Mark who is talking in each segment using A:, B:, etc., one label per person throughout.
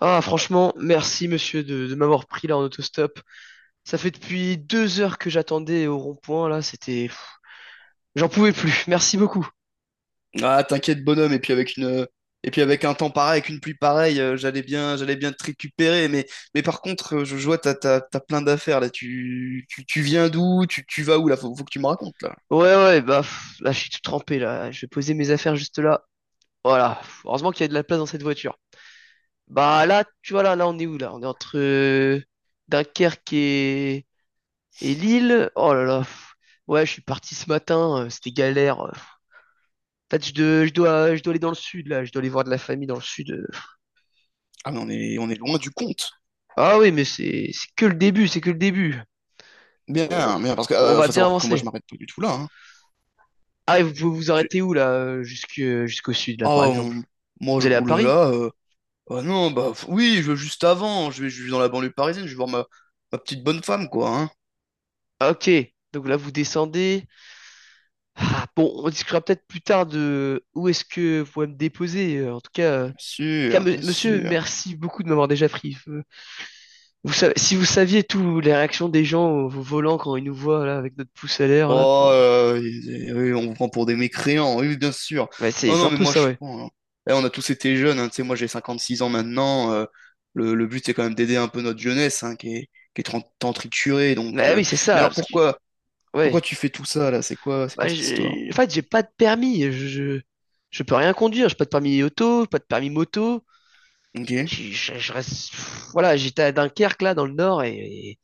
A: Ah, franchement, merci monsieur de m'avoir pris là en autostop. Ça fait depuis 2 heures que j'attendais au rond-point là. J'en pouvais plus, merci beaucoup.
B: Ah, t'inquiète, bonhomme, et puis avec un temps pareil, avec une pluie pareille, j'allais bien te récupérer, mais par contre, je vois, t'as plein d'affaires, là, tu viens d'où, tu vas où, là, faut que tu me racontes, là.
A: Ouais, ouais, bah, là je suis tout trempé là, je vais poser mes affaires juste là. Voilà, heureusement qu'il y a de la place dans cette voiture. Bah là, tu vois là, là on est où là? On est entre Dunkerque et Lille. Oh là là, pff. Ouais, je suis parti ce matin, c'était galère. En fait, je dois aller dans le sud là, je dois aller voir de la famille dans le sud.
B: Ah, mais on est loin du compte.
A: Ah oui, mais c'est que le début, c'est que le début. On,
B: Bien, Bien, parce que,
A: on va
B: faut
A: bien
B: savoir que moi, je
A: avancer.
B: m'arrête pas du tout là, hein.
A: Ah, et vous pouvez vous
B: J'ai-
A: arrêter où là, jusqu'au sud là,
B: Ah,
A: par exemple?
B: on- Moi,
A: Vous
B: je
A: allez à
B: roule
A: Paris?
B: là, ah non, oui, je vais juste avant, je vais dans la banlieue parisienne, je vais voir ma petite bonne femme, quoi, hein.
A: Ah, ok. Donc là, vous descendez. Ah, bon, on discutera peut-être plus tard de où est-ce que vous pouvez me déposer. En tout cas, euh, en tout
B: Bien
A: cas,
B: sûr, bien
A: monsieur,
B: sûr.
A: merci beaucoup de m'avoir déjà pris. Vous savez, si vous saviez toutes les réactions des gens au volant quand ils nous voient là avec notre pouce à l'air là
B: Oh,
A: pour.
B: on vous prend pour des mécréants, oui, bien sûr.
A: Ouais, c'est
B: Non,
A: c'est
B: non,
A: un
B: mais
A: peu
B: moi,
A: ça,
B: je
A: ouais.
B: prends, hein. Eh, on a tous été jeunes, hein, tu sais, moi, j'ai 56 ans maintenant. Le but, c'est quand même d'aider un peu notre jeunesse, hein, qui est tant triturée. Donc,
A: Bah oui, c'est
B: mais
A: ça,
B: alors,
A: parce que
B: pourquoi
A: ouais.
B: tu fais tout ça, là? C'est
A: Bah,
B: quoi cette histoire?
A: en fait, j'ai pas de permis. Je peux rien conduire. J'ai pas de permis auto, pas de permis moto.
B: Ok.
A: Je reste, voilà, j'étais à Dunkerque, là, dans le nord, et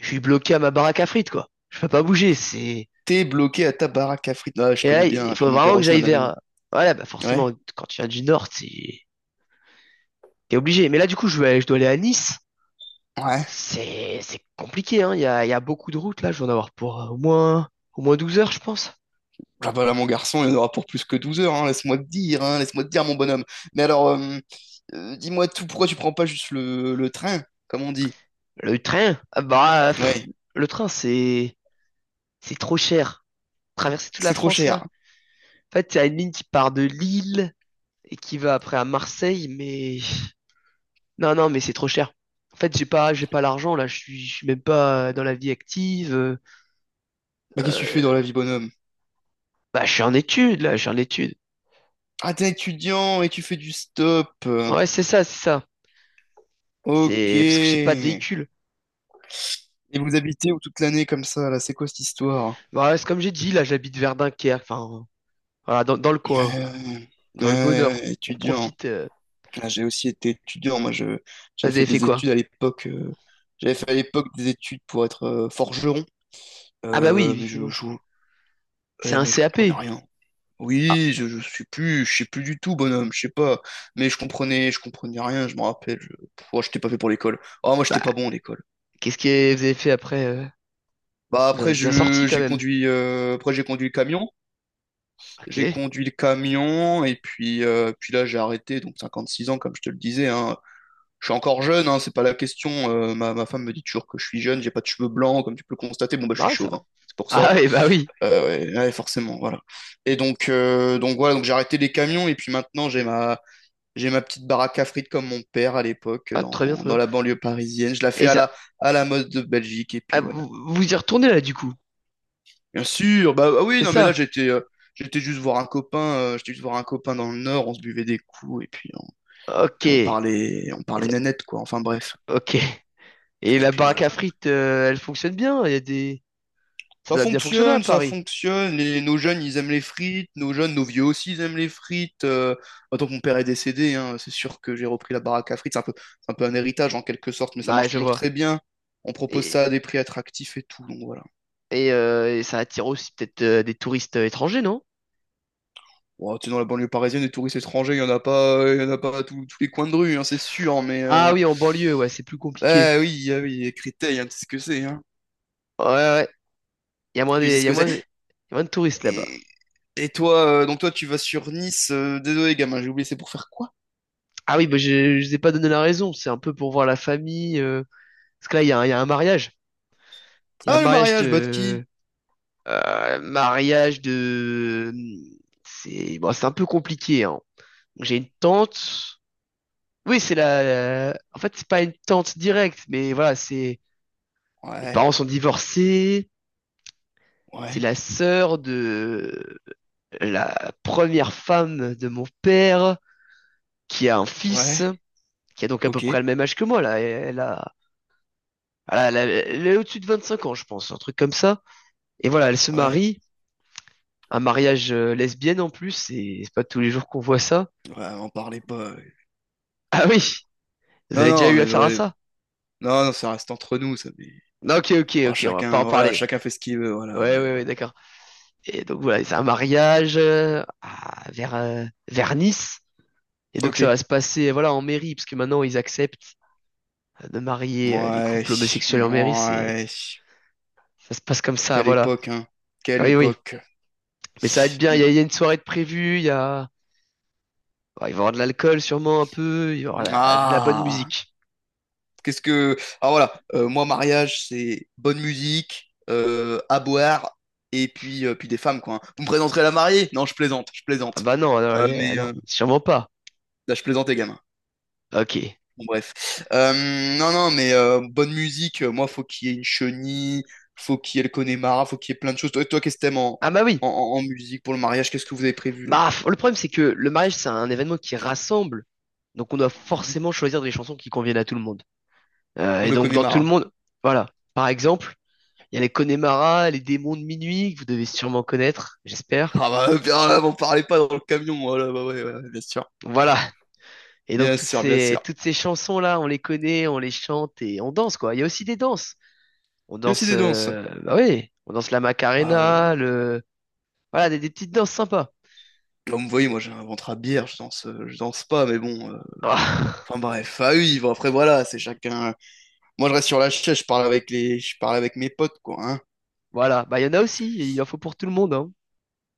A: je suis bloqué à ma baraque à frites, quoi. Je peux pas bouger.
B: T'es bloqué à ta baraque à frites. Là, je
A: Et là,
B: connais bien,
A: il
B: hein.
A: faut
B: Puis mon
A: vraiment
B: père
A: que
B: aussi, il
A: j'aille
B: en avait une.
A: vers, voilà, bah,
B: Ouais.
A: forcément, quand tu viens du nord, t'es, obligé. Mais là, du coup, je dois aller à Nice.
B: Ouais.
A: C'est compliqué, hein. Il y a beaucoup de routes, là. Je vais en avoir pour au moins 12 heures, je pense.
B: Ah bah là, mon garçon, il y en aura pour plus que 12 heures, hein, laisse-moi te dire, hein, laisse-moi te dire, mon bonhomme. Mais alors, dis-moi tout, pourquoi tu prends pas juste le train, comme on dit?
A: Le train, ah bah,
B: Ouais,
A: le train, c'est trop cher. Traverser toute la
B: c'est trop
A: France là.
B: cher.
A: En fait, il y a une ligne qui part de Lille et qui va après à Marseille, mais non, non, mais c'est trop cher. En fait, j'ai pas l'argent là. Je suis même pas dans la vie active.
B: Bah, qu'est-ce que tu fais dans la
A: Euh,
B: vie, bonhomme?
A: bah, je suis en études là, je suis en études.
B: Ah, t'es étudiant et tu fais du stop.
A: Ouais, c'est ça, c'est ça.
B: Ok.
A: C'est parce que j'ai pas de
B: Et
A: véhicule.
B: vous habitez où toute l'année comme ça, là? C'est quoi cette histoire?
A: Bah, c'est comme j'ai dit là, j'habite vers Dunkerque, enfin, voilà, dans le coin,
B: Euh, ouais,
A: dans le
B: ouais,
A: bonheur.
B: ouais,
A: On
B: étudiant.
A: profite.
B: Ah, j'ai aussi été étudiant,
A: Ah,
B: j'avais
A: vous avez
B: fait
A: fait
B: des
A: quoi?
B: études à l'époque. J'avais fait à l'époque des études pour être forgeron.
A: Ah bah oui,
B: Euh, mais je,
A: évidemment.
B: je-
A: C'est
B: Eh,
A: un
B: mais je comprenais
A: CAP.
B: rien.
A: Ah,
B: Oui, je suis plus, je sais plus du tout, bonhomme, je sais pas. Mais je comprenais rien, je me rappelle. Pff, oh, j'étais pas fait pour l'école. Ah, moi, j'étais pas
A: bah,
B: bon à l'école.
A: qu'est-ce que vous avez fait après?
B: Bah
A: Vous en
B: après,
A: êtes bien sorti quand
B: j'ai
A: même.
B: conduit, après j'ai conduit le camion, j'ai
A: Ok.
B: conduit le camion et puis, puis là j'ai arrêté, donc 56 ans comme je te le disais, hein. Je suis encore jeune, hein, c'est pas la question. Ma femme me dit toujours que je suis jeune, j'ai pas de cheveux blancs, comme tu peux le constater. Bon bah je suis
A: Non, ça.
B: chauve, hein, c'est pour ça.
A: Ah et bah oui.
B: Ouais, ouais, forcément, voilà. Et donc, voilà, donc j'ai arrêté les camions et puis maintenant j'ai ma petite baraque à frites comme mon père à l'époque
A: Ah, très bien, très
B: dans
A: bien.
B: la banlieue parisienne. Je la fais
A: Et
B: à
A: ça.
B: à la mode de Belgique et puis
A: Ah,
B: voilà.
A: vous y retournez là, du coup.
B: Bien sûr, bah, ah oui,
A: C'est
B: non mais là
A: ça.
B: j'étais j'étais juste voir un copain, j'étais juste voir un copain dans le Nord, on se buvait des coups
A: Ok.
B: puis on
A: Et
B: parlait, on parlait
A: le-
B: nénette quoi. Enfin bref.
A: ok. Et
B: Et
A: la
B: puis
A: baraque
B: voilà.
A: à frites, elle fonctionne bien. Il y a des. Ça
B: Ça
A: doit bien fonctionner à
B: fonctionne, ça
A: Paris.
B: fonctionne. Les- nos jeunes, ils aiment les frites. Nos jeunes, nos vieux aussi, ils aiment les frites. Maintenant que mon père est décédé, hein, c'est sûr que j'ai repris la baraque à frites. C'est un peu un héritage en quelque sorte, mais ça
A: Ouais,
B: marche
A: je
B: toujours
A: vois.
B: très bien. On propose
A: Et,
B: ça à des prix attractifs et tout. Donc voilà.
A: et ça attire aussi peut-être des touristes étrangers, non?
B: Bon, tu sais, dans la banlieue parisienne, des touristes étrangers, il y en a pas à tous tous les coins de rue, hein, c'est sûr. Mais
A: Ah oui, en banlieue, ouais, c'est plus compliqué.
B: ah oui, ah oui, Créteil, hein, tu sais ce que c'est, hein.
A: Ouais, ouais. Ouais. Il y a moins de,
B: Tu sais
A: il
B: ce
A: y a
B: que
A: moins de, il
B: c'est.
A: y a moins de touristes là-bas.
B: Et, et toi, toi, tu vas sur Nice. Désolé, gamin, j'ai oublié. C'est pour faire quoi?
A: Ah oui, bah, je vous ai pas donné la raison. C'est un peu pour voir la famille. Parce que là, il y a un mariage. Il y a un
B: Ah, le
A: mariage
B: mariage, bah de qui?
A: de. Mariage de... C'est bon, c'est un peu compliqué, hein. J'ai une tante. Oui, c'est la... En fait, c'est pas une tante directe, mais voilà, c'est... Les
B: Ouais,
A: parents sont divorcés. C'est
B: ouais,
A: la sœur de la première femme de mon père qui a un fils,
B: ouais,
A: qui a donc à peu
B: ok,
A: près le même âge que moi, là. Elle a... voilà, elle est au-dessus de 25 ans, je pense, un truc comme ça. Et voilà, elle se
B: ouais,
A: marie. Un mariage lesbienne en plus, et c'est pas tous les jours qu'on voit ça.
B: ouais, en parlez pas, ouais.
A: Ah oui, vous
B: Non,
A: avez déjà
B: non,
A: eu
B: mais
A: affaire à
B: ouais,
A: ça?
B: non, non, ça reste entre nous, ça, mais...
A: Non, ok, ok,
B: bon,
A: ok, on va pas
B: chacun,
A: en
B: voilà,
A: parler.
B: chacun fait ce qu'il veut, voilà,
A: Ouais, ouais,
B: ouais, ouais.
A: ouais, d'accord. Et donc voilà, c'est un mariage vers Nice. Et donc
B: Ok.
A: ça va se passer voilà, en mairie, parce que maintenant ils acceptent de marier les
B: Ouais,
A: couples homosexuels en mairie. C'est
B: ouais,
A: Ça se passe comme ça,
B: quelle
A: voilà.
B: époque, hein, quelle
A: Oui, oui.
B: époque.
A: Mais ça va être bien, il y a,
B: Mm.
A: il y a une soirée de prévue, ouais, il va y avoir de l'alcool sûrement un peu, il y aura de la bonne
B: Ah,
A: musique.
B: qu'est-ce que... Ah, voilà, moi, mariage, c'est bonne musique, à boire, et puis, puis des femmes, quoi, hein. Vous me présenterez la mariée? Non, je plaisante, je
A: Ah
B: plaisante.
A: bah non, alors,
B: Euh,
A: allez,
B: mais,
A: alors,
B: euh,
A: sûrement pas.
B: là, je plaisante, les gamins.
A: Ok.
B: Bon, bref. Euh, non, non, mais bonne musique, moi, faut qu'il y ait une chenille, faut qu'il y ait le Connemara, faut qu'il y ait plein de choses. Toi, toi, qu'est-ce que t'aimes en,
A: Ah bah oui.
B: en, en- musique pour le mariage? Qu'est-ce que vous avez prévu là?
A: Bah, le problème, c'est que le mariage, c'est un événement qui rassemble. Donc, on doit
B: Ouais.
A: forcément choisir des chansons qui conviennent à tout le monde.
B: Comme
A: Et
B: le
A: donc, dans tout le
B: Connemara.
A: monde, voilà. Par exemple, il y a les Connemara, les démons de minuit, que vous devez sûrement connaître, j'espère.
B: Ah bah, bien, là, vous parlez pas dans le camion, voilà, bah ouais, ouais, bien sûr.
A: Voilà. Et donc,
B: Bien
A: toutes
B: sûr, bien sûr.
A: ces, toutes ces chansons-là, on les connaît, on les chante et on danse, quoi. Il y a aussi des danses. On
B: Il y a aussi
A: danse,
B: des danses.
A: bah oui, on danse la
B: Ah, ouais.
A: Macarena, le, voilà, des petites danses sympas.
B: Comme vous voyez, moi j'ai un ventre à bière, je danse pas, mais bon. Enfin bref, ah oui, bon, après voilà, c'est chacun. Moi je reste sur la chaise, je parle avec mes potes quoi, hein.
A: Voilà. Bah, il y en a aussi. Il en faut pour tout le monde, hein.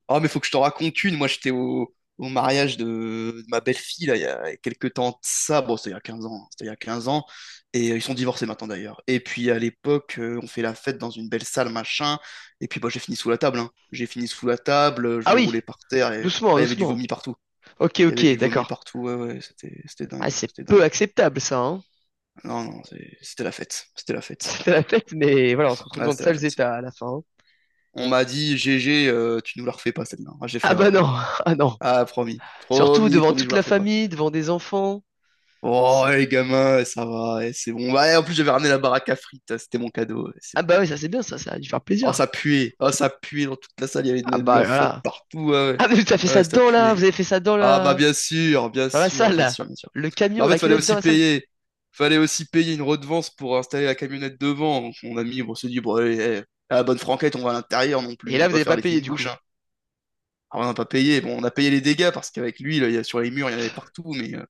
B: Oh, mais faut que je te raconte une. Moi, j'étais au mariage de ma belle-fille, là, il y a quelques temps de ça. Bon, c'était il y a 15 ans, hein. C'était il y a 15 ans. Et ils sont divorcés maintenant, d'ailleurs. Et puis, à l'époque, on fait la fête dans une belle salle, machin. Et puis, bah, j'ai fini sous la table, hein. J'ai fini sous la table. Je
A: Ah
B: me roulais
A: oui,
B: par terre. Et...
A: doucement,
B: Ah, il y avait du
A: doucement.
B: vomi partout.
A: Ok,
B: Il y avait
A: ok,
B: du vomi
A: d'accord.
B: partout. Ouais, ouais, c'était
A: Ah,
B: dingue.
A: c'est
B: C'était
A: peu
B: dingue.
A: acceptable ça, hein.
B: Non, non, c'était la fête. C'était la fête.
A: C'était la fête, mais voilà, on se retrouve
B: Ah,
A: dans de
B: c'était la
A: sales
B: fête.
A: états à la fin. Hein.
B: On m'a dit, GG, tu nous la refais pas, celle-là. Ah, j'ai fait,
A: Ah
B: ouais,
A: bah non,
B: promis.
A: ah non.
B: Ah, promis.
A: Surtout
B: Promis,
A: devant
B: promis, je
A: toute
B: vous la
A: la
B: refais pas.
A: famille, devant des enfants.
B: Oh,
A: C'est-
B: les gamins, ouais, ça va, eh, c'est bon. Ouais, en plus, j'avais ramené la baraque à frites, c'était mon cadeau, ouais, c'est
A: Ah
B: bon.
A: bah oui, ça c'est bien ça, ça a dû faire plaisir.
B: Oh, ça puait dans toute la salle, il y avait de
A: Ah
B: de la
A: bah
B: flotte
A: là.
B: partout, ouais, ouais,
A: Ah mais vous avez fait ça
B: ouais, ça
A: dans la,
B: puait.
A: vous avez fait ça
B: Ah, bah, bien sûr, bien
A: dans la
B: sûr,
A: salle
B: bien
A: là.
B: sûr, bien sûr.
A: Le
B: Bah,
A: camion,
B: en fait,
A: la canette dans la salle.
B: fallait aussi payer une redevance pour installer la camionnette devant. Donc, mon ami, on s'est dit, bon, allez, eh, à la bonne franquette, on va à l'intérieur non plus,
A: Et
B: on
A: là
B: va
A: vous
B: pas
A: n'avez
B: faire
A: pas
B: les
A: payé
B: fines
A: du coup.
B: bouches, hein. Alors, on n'a pas payé, bon, on a payé les dégâts parce qu'avec lui, là, il y a, sur les murs, il y en avait partout, mais.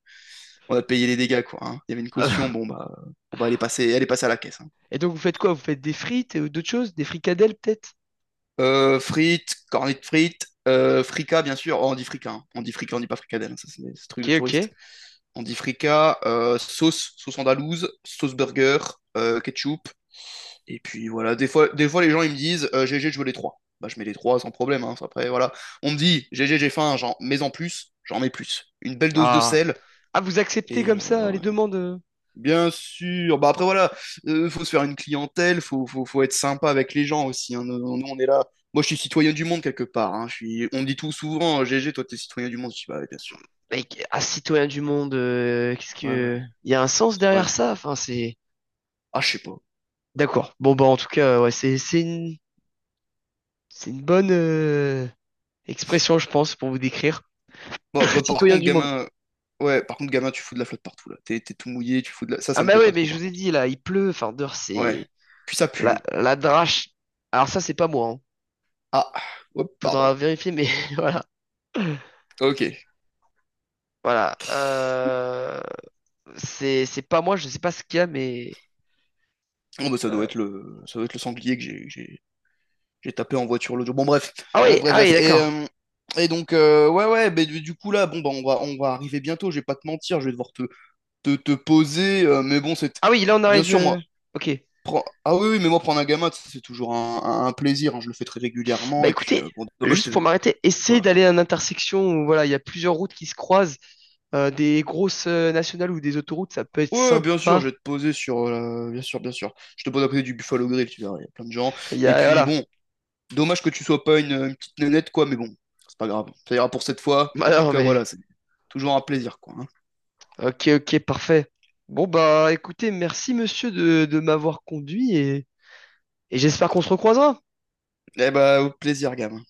B: On a payé les dégâts, quoi, hein. Il y avait une
A: Ah
B: caution,
A: bah.
B: bon, bah, elle est passée à la caisse, hein.
A: Et donc vous faites quoi? Vous faites des frites ou d'autres choses? Des fricadelles peut-être?
B: Frites, cornets de frites, fricas, bien sûr. Oh, on dit fricas, hein. On dit fricas, on dit pas fricadelle, hein. Ça c'est ce truc
A: Ok,
B: de touriste.
A: ok.
B: On dit fricas, sauce, sauce andalouse, sauce burger, ketchup. Et puis voilà, des fois les gens ils me disent GG, je veux les trois. Bah je mets les trois sans problème, hein. Après voilà, on me dit GG, j'ai faim, j'en mets en plus, j'en mets plus. Une belle dose de
A: Ah.
B: sel
A: Ah, vous acceptez
B: et
A: comme ça les demandes?
B: bien sûr. Bah après voilà, faut se faire une clientèle, faut être sympa avec les gens aussi, hein. Nous, nous, on est là. Moi je suis citoyen du monde quelque part, hein. Je suis... On me dit tout souvent, GG, toi t'es citoyen du monde. Je dis bah ouais, bien sûr.
A: Mec, un citoyen du monde, qu'est-ce
B: Ouais,
A: que...
B: ouais,
A: Il y a un sens derrière
B: ouais.
A: ça? Enfin, c'est...
B: Ah je sais pas.
A: D'accord. Bon, bah, en tout cas, ouais, c'est une bonne expression, je pense, pour vous décrire.
B: Bah, bah, par
A: Citoyen
B: contre
A: du monde.
B: gamin, ouais, par contre gamin, tu fous de la flotte partout là. T'es, t'es tout mouillé, tu fous de la. Ça
A: Ah,
B: ça me
A: bah
B: plaît
A: ouais,
B: pas
A: mais
B: trop
A: je
B: par
A: vous ai
B: contre.
A: dit, là, il pleut. Enfin, dehors,
B: Ouais.
A: c'est...
B: Puis ça pue,
A: La,
B: hein.
A: la drache. Alors ça, c'est pas moi, hein.
B: Ah. Hop, pardon.
A: Faudra vérifier, mais voilà.
B: Ok.
A: Voilà. C'est pas moi, je sais pas ce qu'il y a, mais...
B: Bon bah ça doit
A: euh,
B: être le, ça doit être le sanglier que j'ai, que j'ai tapé en voiture l'audio. Bon,
A: Ah
B: bref,
A: oui,
B: bref,
A: ah
B: bref.
A: oui,
B: Et,
A: d'accord.
B: ouais, ouais, mais du coup, là, bon, bah, on va arriver bientôt, je vais pas te mentir, je vais devoir te, te, te poser, mais bon, c'est...
A: Ah oui, là, on
B: Bien
A: arrive...
B: sûr, moi,
A: ok.
B: oui, mais moi, prendre un gamin, c'est toujours un plaisir, hein, je le fais très
A: Bah
B: régulièrement, et puis,
A: écoutez,
B: bon, dommage,
A: juste
B: je t'ai...
A: pour m'arrêter, essayez
B: Quoi?
A: d'aller à une intersection où voilà, il y a plusieurs routes qui se croisent, des grosses nationales ou des autoroutes, ça peut être
B: Ouais, bien sûr, je
A: sympa.
B: vais te poser sur... bien sûr, bien sûr. Je te pose à côté du Buffalo Grill, tu verras, il y a plein de gens.
A: Il y
B: Et
A: a
B: puis,
A: voilà.
B: bon, dommage que tu sois pas une petite nénette, quoi, mais bon, c'est pas grave. Ça ira pour cette fois.
A: Bah
B: En tout
A: non,
B: cas, voilà,
A: mais
B: c'est toujours un plaisir, quoi, hein.
A: ok, ok, parfait. Bon bah écoutez, merci monsieur de m'avoir conduit et j'espère qu'on se recroisera.
B: Eh bah, au plaisir, gamin.